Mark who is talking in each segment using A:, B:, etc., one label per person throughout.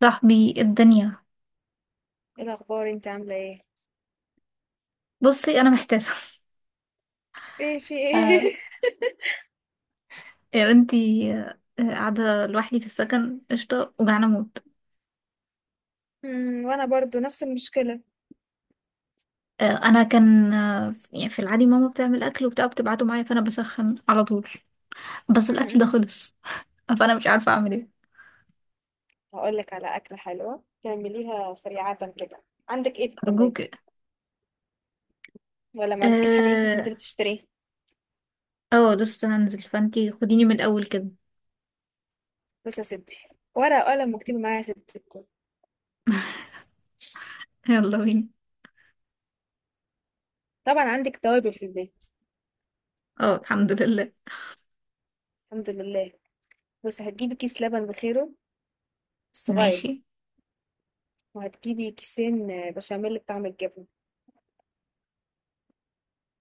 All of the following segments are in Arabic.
A: صاحبي الدنيا.
B: ايه الاخبار؟ انت عامله ايه؟
A: بصي، انا محتاسه.
B: ايه في ايه؟
A: آه يا بنتي، قاعده لوحدي في السكن قشطه، وجعانه موت.
B: وانا برضو نفس المشكله.
A: انا كان يعني في العادي ماما بتعمل اكل وبتاع بتبعته معايا، فانا بسخن على طول. بس الاكل ده
B: امم
A: خلص. فانا مش عارفه اعمل ايه.
B: هقول لك على اكله حلوه تعمليها سريعه كده. عندك ايه في
A: ارجوك.
B: الثلاجه؟ ولا ما عندكيش حاجه لسه
A: اه.
B: تنزلي تشتريها؟
A: اه، لسه هنزل، فانتي خديني من الاول كده.
B: بصي يا ستي، ورقه وقلم واكتبي معايا يا ستي الكل.
A: يلا بينا.
B: طبعا عندك توابل في البيت.
A: اه الحمد لله.
B: الحمد لله. بس هتجيبي كيس لبن بخيره الصغير.
A: ماشي.
B: وهتجيبي كيسين بشاميل بطعم الجبنه،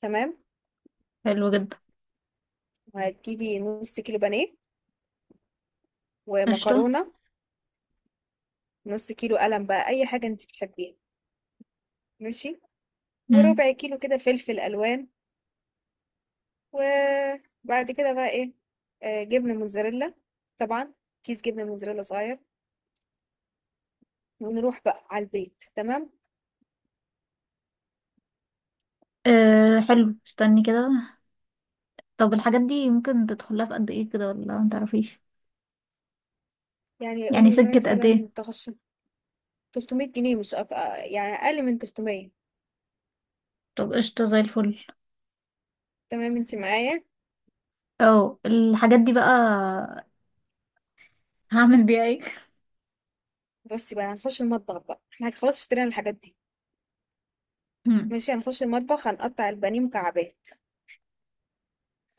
B: تمام.
A: حلو جدا.
B: وهتجيبي نص كيلو بانيه
A: قشطه.
B: ومكرونه. نص كيلو قلم بقى، اي حاجه انت بتحبيها، ماشي.
A: مم.
B: وربع كيلو كده فلفل الوان. وبعد كده بقى ايه؟ جبنه موتزاريلا طبعا. كيس جبنه موتزاريلا صغير. ونروح بقى على البيت، تمام.
A: آه حلو، استني كده. طب الحاجات دي ممكن تدخلها في قد ايه كده ولا متعرفيش؟
B: يعني
A: يعني
B: قولي
A: سكة قد ايه؟
B: مثلا تخش 300 جنيه، مش أك... آه، يعني اقل من 300.
A: طب قشطة، زي الفل.
B: تمام انت معايا.
A: اه، الحاجات دي بقى هعمل بيها ايه؟
B: بصي بقى، هنخش المطبخ بقى احنا خلاص اشترينا الحاجات دي.
A: هم.
B: ماشي، هنخش المطبخ هنقطع البانيه مكعبات.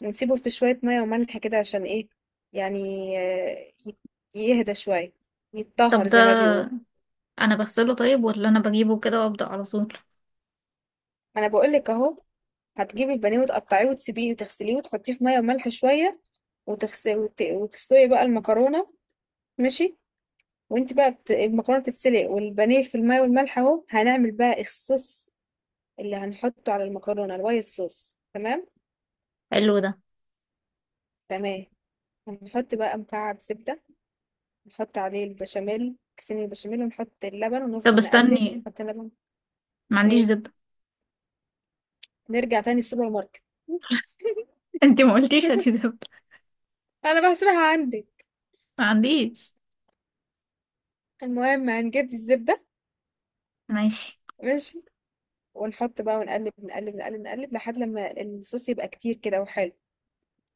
B: ونسيبه في شويه ميه وملح كده عشان ايه؟ يعني آه، يت- يهدى شويه، يتطهر
A: طب ده،
B: زي ما بيقولوا.
A: انا بغسله طيب ولا انا بجيبه كده وابدأ على طول؟
B: انا بقول لك اهو، هتجيبي البانيه وتقطعيه وتسيبيه وتغسليه وتحطيه في ميه وملح شويه. وتسلقي بقى المكرونه. ماشي. وانت بقى المكرونه بتتسلق والبانيه في الميه والملح، اهو هنعمل بقى الصوص اللي هنحطه على المكرونه الوايت صوص، تمام.
A: حلو ده.
B: تمام، هنحط بقى مكعب زبده. نحط عليه البشاميل كيسين البشاميل ونحط اللبن
A: طب
B: ونفضل نقلب
A: استني،
B: ونحط اللبن.
A: ما عنديش
B: ايه،
A: زبدة.
B: نرجع تاني السوبر ماركت؟
A: انت ما قلتيش هاتي زبدة.
B: انا بحسبها عندي.
A: ما عنديش.
B: المهم هنجيب الزبده.
A: ماشي.
B: ماشي. ونحط بقى ونقلب نقلب نقلب نقلب لحد لما الصوص يبقى كتير كده وحلو.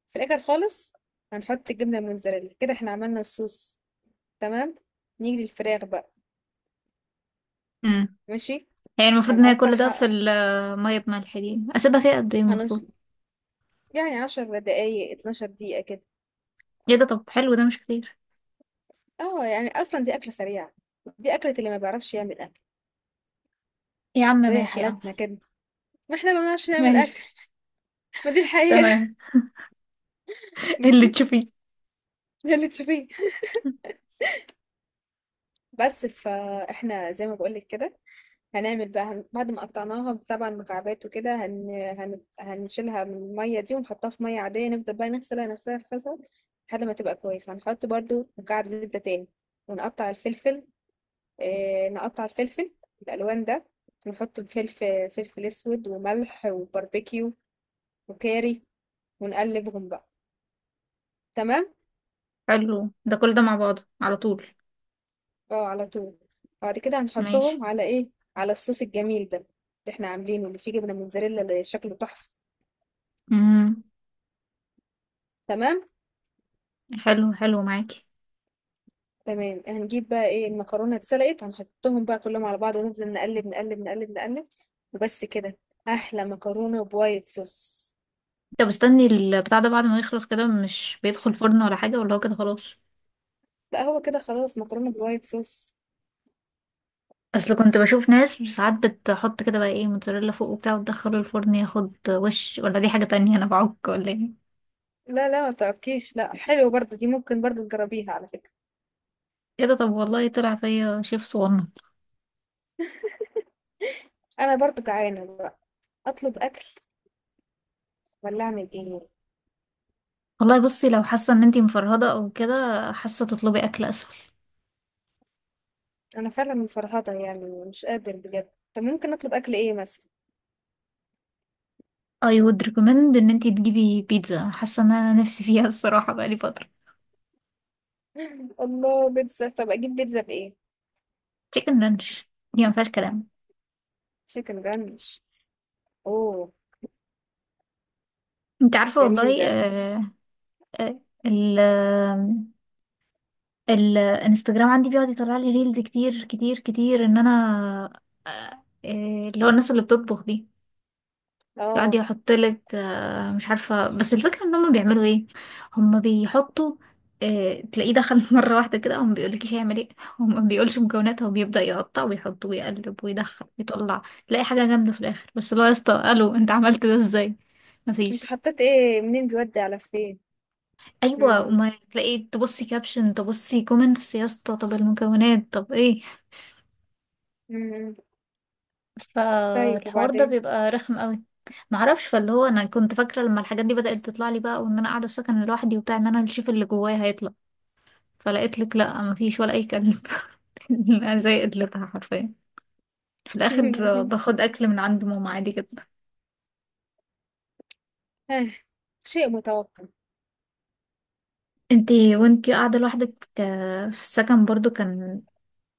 B: في الاخر خالص هنحط الجبنه الموتزاريلا كده، احنا عملنا الصوص، تمام. نيجي للفراخ بقى.
A: امم،
B: ماشي.
A: هي المفروض ان هي
B: هنقطع
A: كل ده في
B: ح-
A: المية بملح دي اسيبها فيها قد ايه
B: هنش...
A: المفروض؟
B: يعني 10 دقايق 12 دقيقة كده.
A: ايه ده؟ طب حلو ده، مش كتير.
B: اه يعني اصلا دي اكلة سريعة. دي اكلة اللي ما بيعرفش يعمل اكل،
A: يا عم
B: زي
A: ماشي يا عم،
B: حالاتنا كده، ما احنا ما بنعرفش نعمل
A: ماشي،
B: اكل، ما دي الحقيقة.
A: تمام. اللي
B: ماشي.
A: تشوفيه.
B: ده اللي تشوفيه. بس فاحنا زي ما بقولك كده، هنعمل بقى بعد ما قطعناها طبعا مكعبات وكده هنشيلها من المية دي ونحطها في مية عادية نفضل بقى نغسلها نغسلها نغسلها لحد ما تبقى كويسة. هنحط برضو مكعب زبدة تاني ونقطع الفلفل. نقطع الفلفل الألوان ده، ونحط فلفل، فلفل أسود وملح وباربيكيو وكاري، ونقلبهم بقى، تمام.
A: حلو ده، كل ده مع بعضه على طول؟
B: اه، على طول. بعد كده
A: ماشي.
B: هنحطهم على ايه؟ على الصوص الجميل ده اللي احنا عاملينه اللي فيه جبنة موتزاريلا اللي شكله تحفة،
A: امم،
B: تمام.
A: حلو حلو معاكي.
B: تمام، هنجيب بقى ايه، المكرونه اتسلقت، هنحطهم بقى كلهم على بعض ونفضل نقلب نقلب نقلب نقلب. وبس كده، احلى مكرونه بوايت صوص.
A: طب استني، البتاع ده بعد ما يخلص كده مش بيدخل فرن ولا حاجة، ولا هو كده خلاص؟
B: لا، هو كده خلاص، مكرونه بوايت صوص.
A: اصل كنت بشوف ناس ساعات بتحط كده بقى ايه موتزاريلا فوق وبتاع وتدخله الفرن ياخد وش، ولا دي حاجة تانية انا بعك ولا ايه؟
B: لا لا ما بتعبكيش، لا حلو برضو دي، ممكن برضو تجربيها على فكره.
A: كده؟ طب والله طلع فيا شيف صغنن.
B: انا برضو جعانه بقى، اطلب اكل ولا اعمل ايه؟
A: والله بصي، لو حاسة ان انتي مفرهدة او كده حاسة، تطلبي اكل اسهل.
B: انا فعلا مفرهده يعني مش قادر بجد. طب ممكن اطلب اكل ايه مثلا؟
A: I would recommend ان انتي تجيبي بيتزا، حاسة ان انا نفسي فيها الصراحة بقالي فترة.
B: الله، بيتزا. طب اجيب بيتزا بايه؟
A: تشيكن رانش، دي ما فيهاش كلام.
B: تشيكن رانش. اوه،
A: انت عارفة
B: جميل
A: والله؟
B: ده.
A: آه. آه. ال الانستجرام عندي بيقعد يطلع لي ريلز كتير كتير كتير ان انا، اللي هو الناس اللي بتطبخ دي يقعد
B: اه،
A: يحط لك، مش عارفة، بس الفكرة ان هم بيعملوا ايه. هم بيحطوا، تلاقيه دخل مرة واحدة كده، هو ما بيقولكيش هيعمل ايه، هو ما بيقولش مكوناتها وبيبدأ يقطع ويحط ويقلب ويدخل ويطلع، تلاقي حاجة جامدة في الاخر. بس اللي هو يا اسطى، الو انت عملت ده ازاي؟
B: انت
A: مفيش.
B: حطيت ايه منين بيودي على فين؟
A: ايوه،
B: مم.
A: وما تلاقي تبصي كابشن، تبصي كومنتس، يا اسطى طب المكونات طب ايه؟
B: مم. طيب
A: فالحوار ده
B: وبعدين؟
A: بيبقى رخم قوي. معرفش، فاللي هو انا كنت فاكره لما الحاجات دي بدات تطلع لي بقى، وان انا قاعده في سكن لوحدي وبتاع، ان انا اللي اشوف اللي جوايا هيطلع، فلقيت لك لا مفيش ولا اي كلب. أنا زي قدرتها حرفيا في الاخر، باخد اكل من عند ماما عادي جدا.
B: آه، شيء متوقع.
A: انتي وانتي قاعده لوحدك، في السكن برضو كان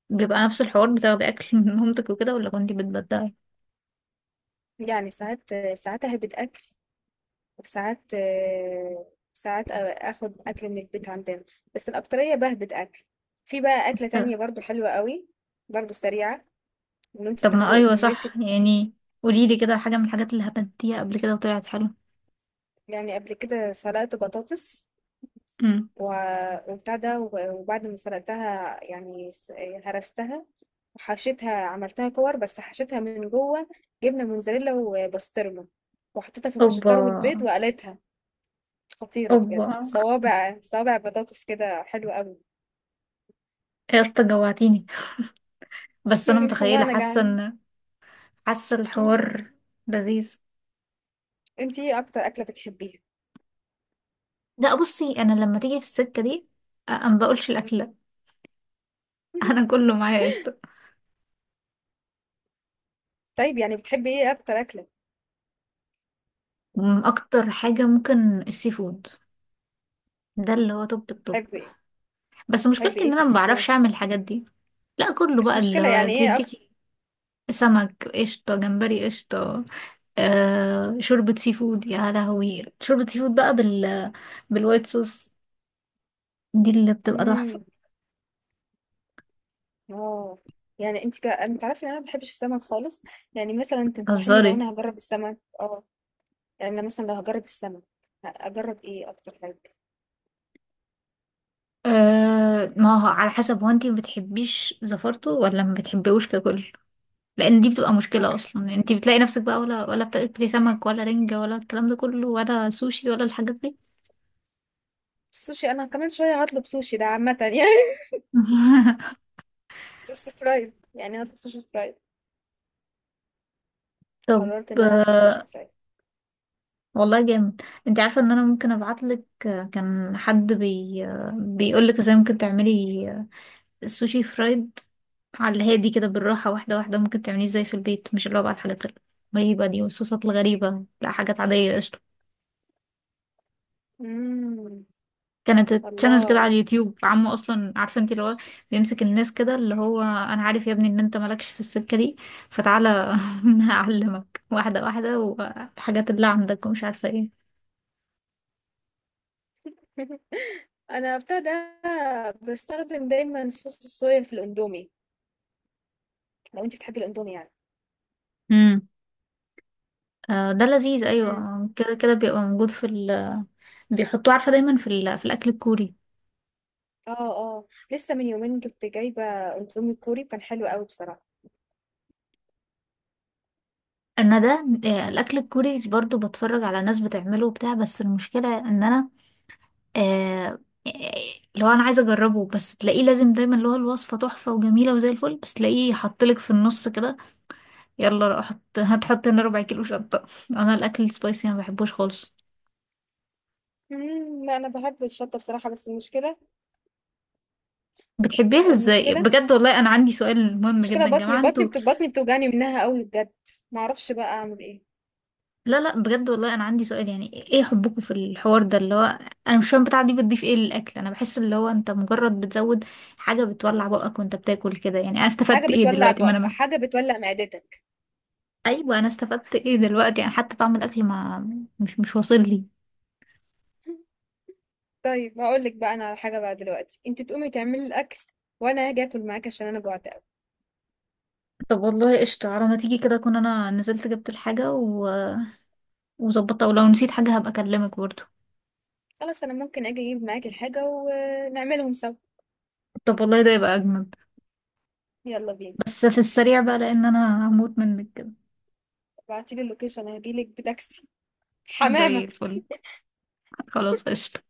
A: بيبقى نفس الحوار؟ بتاخدي اكل من مامتك وكده ولا كنتي بتبدعي؟
B: يعني ساعات ساعات اهبط اكل، وساعات ساعات أ- اخد اكل من البيت عندنا. بس الاكتريه بهبط اكل. في بقى اكله تانية برضو حلوه قوي، برضو سريعه. ان انت
A: طب ما ايوه
B: تهرسي.
A: صح. يعني قولي لي كده حاجه من الحاجات اللي هبنتيها قبل كده وطلعت حلوه.
B: يعني قبل كده سلقت بطاطس
A: امم.
B: وبتاع ده وبعد ما سلقتها يعني هرستها وحشيتها، عملتها كور بس حشيتها من جوه جبنة موزاريلا وبسطرمة، وحطيتها في
A: اوبا.
B: الفيجيتار والبيض وقلتها. خطيرة
A: اوبا
B: بجد، صوابع صوابع بطاطس كده حلوة قوي.
A: يا اسطى جوعتيني. بس انا
B: والله
A: متخيله
B: أنا
A: حاسه
B: جعانة.
A: ان، حاسه الحوار لذيذ.
B: انتي ايه أكتر أكلة بتحبيها؟
A: لا بصي، انا لما تيجي في السكه دي، انا ما بقولش الاكل لا. انا كله معايا قشطه.
B: طيب يعني بتحبي ايه أكتر أكلة؟
A: اكتر حاجه ممكن السي فود. ده اللي هو توب التوب.
B: بتحبي ايه؟
A: بس
B: بتحبي
A: مشكلتي
B: ايه
A: ان
B: في
A: انا ما
B: السيفون؟
A: بعرفش اعمل الحاجات دي. لا كله،
B: مش
A: بقى اللي
B: مشكلة،
A: هو
B: يعني ايه أكتر؟
A: تديكي سمك قشطه، جمبري قشطه، آه شوربة سي فود، يا لهوي شوربة سي فود بقى بال، بالوايت صوص، دي اللي بتبقى تحفة.
B: مم. اه، يعني انت عارفه ان انا ما بحبش السمك خالص. يعني مثلا تنصحيني لو
A: هزاري.
B: انا هجرب السمك؟ اه يعني انا مثلا لو هجرب السمك اجرب ايه اكتر حاجه؟
A: آه ما هو على حسب، هو انتي ما بتحبيش زفرته ولا ما بتحبيهوش ككل؟ لان دي بتبقى
B: انا
A: مشكلة.
B: بحب
A: اصلا انتي بتلاقي نفسك بقى ولا بتاكلي سمك، ولا رنجة، ولا الكلام ده كله، ولا سوشي، ولا الحاجات دي.
B: السوشي، انا كمان شويه هطلب سوشي ده عامه يعني. بس فرايد، يعني هطلب سوشي فرايد.
A: طب.
B: قررت ان انا اطلب سوشي
A: آه،
B: فرايد.
A: والله جامد. انت عارفة ان انا ممكن ابعتلك، كان حد بي، بيقولك ازاي ممكن تعملي السوشي فرايد. على الهادي كده، بالراحة، واحدة واحدة، ممكن تعمليه زي في البيت، مش اللي هو بقى الحاجات الغريبة دي والصوصات الغريبة، لا حاجات عادية قشطة.
B: امم
A: كانت تشانل كده
B: الله.
A: على اليوتيوب، عمو اصلا عارفه انت اللي هو بيمسك الناس كده، اللي هو انا عارف يا ابني ان انت مالكش في السكه دي، فتعالى. أنا هعلمك واحده واحده والحاجات اللي عندك ومش عارفه ايه.
B: انا ابتدى بستخدم دايما صوص الصويا في الاندومي، لو انت بتحبي الاندومي يعني.
A: امم. آه، ده لذيذ.
B: امم
A: ايوه كده كده بيبقى موجود في ال، بيحطوه عارفه دايما في الاكل الكوري.
B: اه. اه، لسه من يومين كنت جايبه اندومي كوري كان حلو قوي بصراحه.
A: انا ده الاكل الكوري برضو بتفرج على ناس بتعمله وبتاع، بس المشكله ان انا، آه اللي هو انا عايزه اجربه، بس تلاقيه لازم دايما اللي هو الوصفه تحفه وجميله وزي الفل، بس تلاقيه حطلك في النص كده يلا روح هتحط هنا ربع كيلو شطه. انا الاكل السبايسي ما بحبوش خالص.
B: لأ أنا باحب الشطة بصراحة. بس
A: بتحبيها ازاي
B: المشكلة
A: بجد؟ والله انا عندي سؤال مهم
B: المشكلة
A: جدا يا
B: بطني
A: جماعه
B: بطني
A: انتوا.
B: بت بطني بتوجعني منها أوي بجد، ما أعرفش بقى أعمل إيه.
A: لا لا، بجد والله انا عندي سؤال، يعني ايه حبكم في الحوار ده اللي هو، انا مش فاهم بتاع دي بتضيف ايه للاكل. انا بحس اللي هو انت مجرد بتزود حاجه بتولع بقك وانت بتاكل كده. يعني انا استفدت ايه دلوقتي؟ ما انا ما.
B: حاجة بتولع معدتك.
A: ايوه، انا استفدت ايه دلوقتي؟ يعني حتى طعم الاكل ما، مش واصل لي.
B: طيب هاقول لك بقى أنا على حاجة بقى دلوقتي، أنتِ تقومي تعملي الأكل وأنا هاجي آكل معاكِ عشان أنا جوعت أوي.
A: طب والله قشطة، على ما تيجي كده اكون انا نزلت جبت الحاجه و... وظبطتها، ولو نسيت حاجه هبقى اكلمك برضه.
B: خلاص، أنا ممكن آجي أجيب معاكِ الحاجة ونعملهم سوا.
A: طب والله ده يبقى اجمد.
B: يلا بينا.
A: بس في السريع بقى، لان انا هموت منك كده.
B: ابعتيلي اللوكيشن هجيلك بتاكسي،
A: زي
B: حمامة.
A: الفل. خلاص قشطة.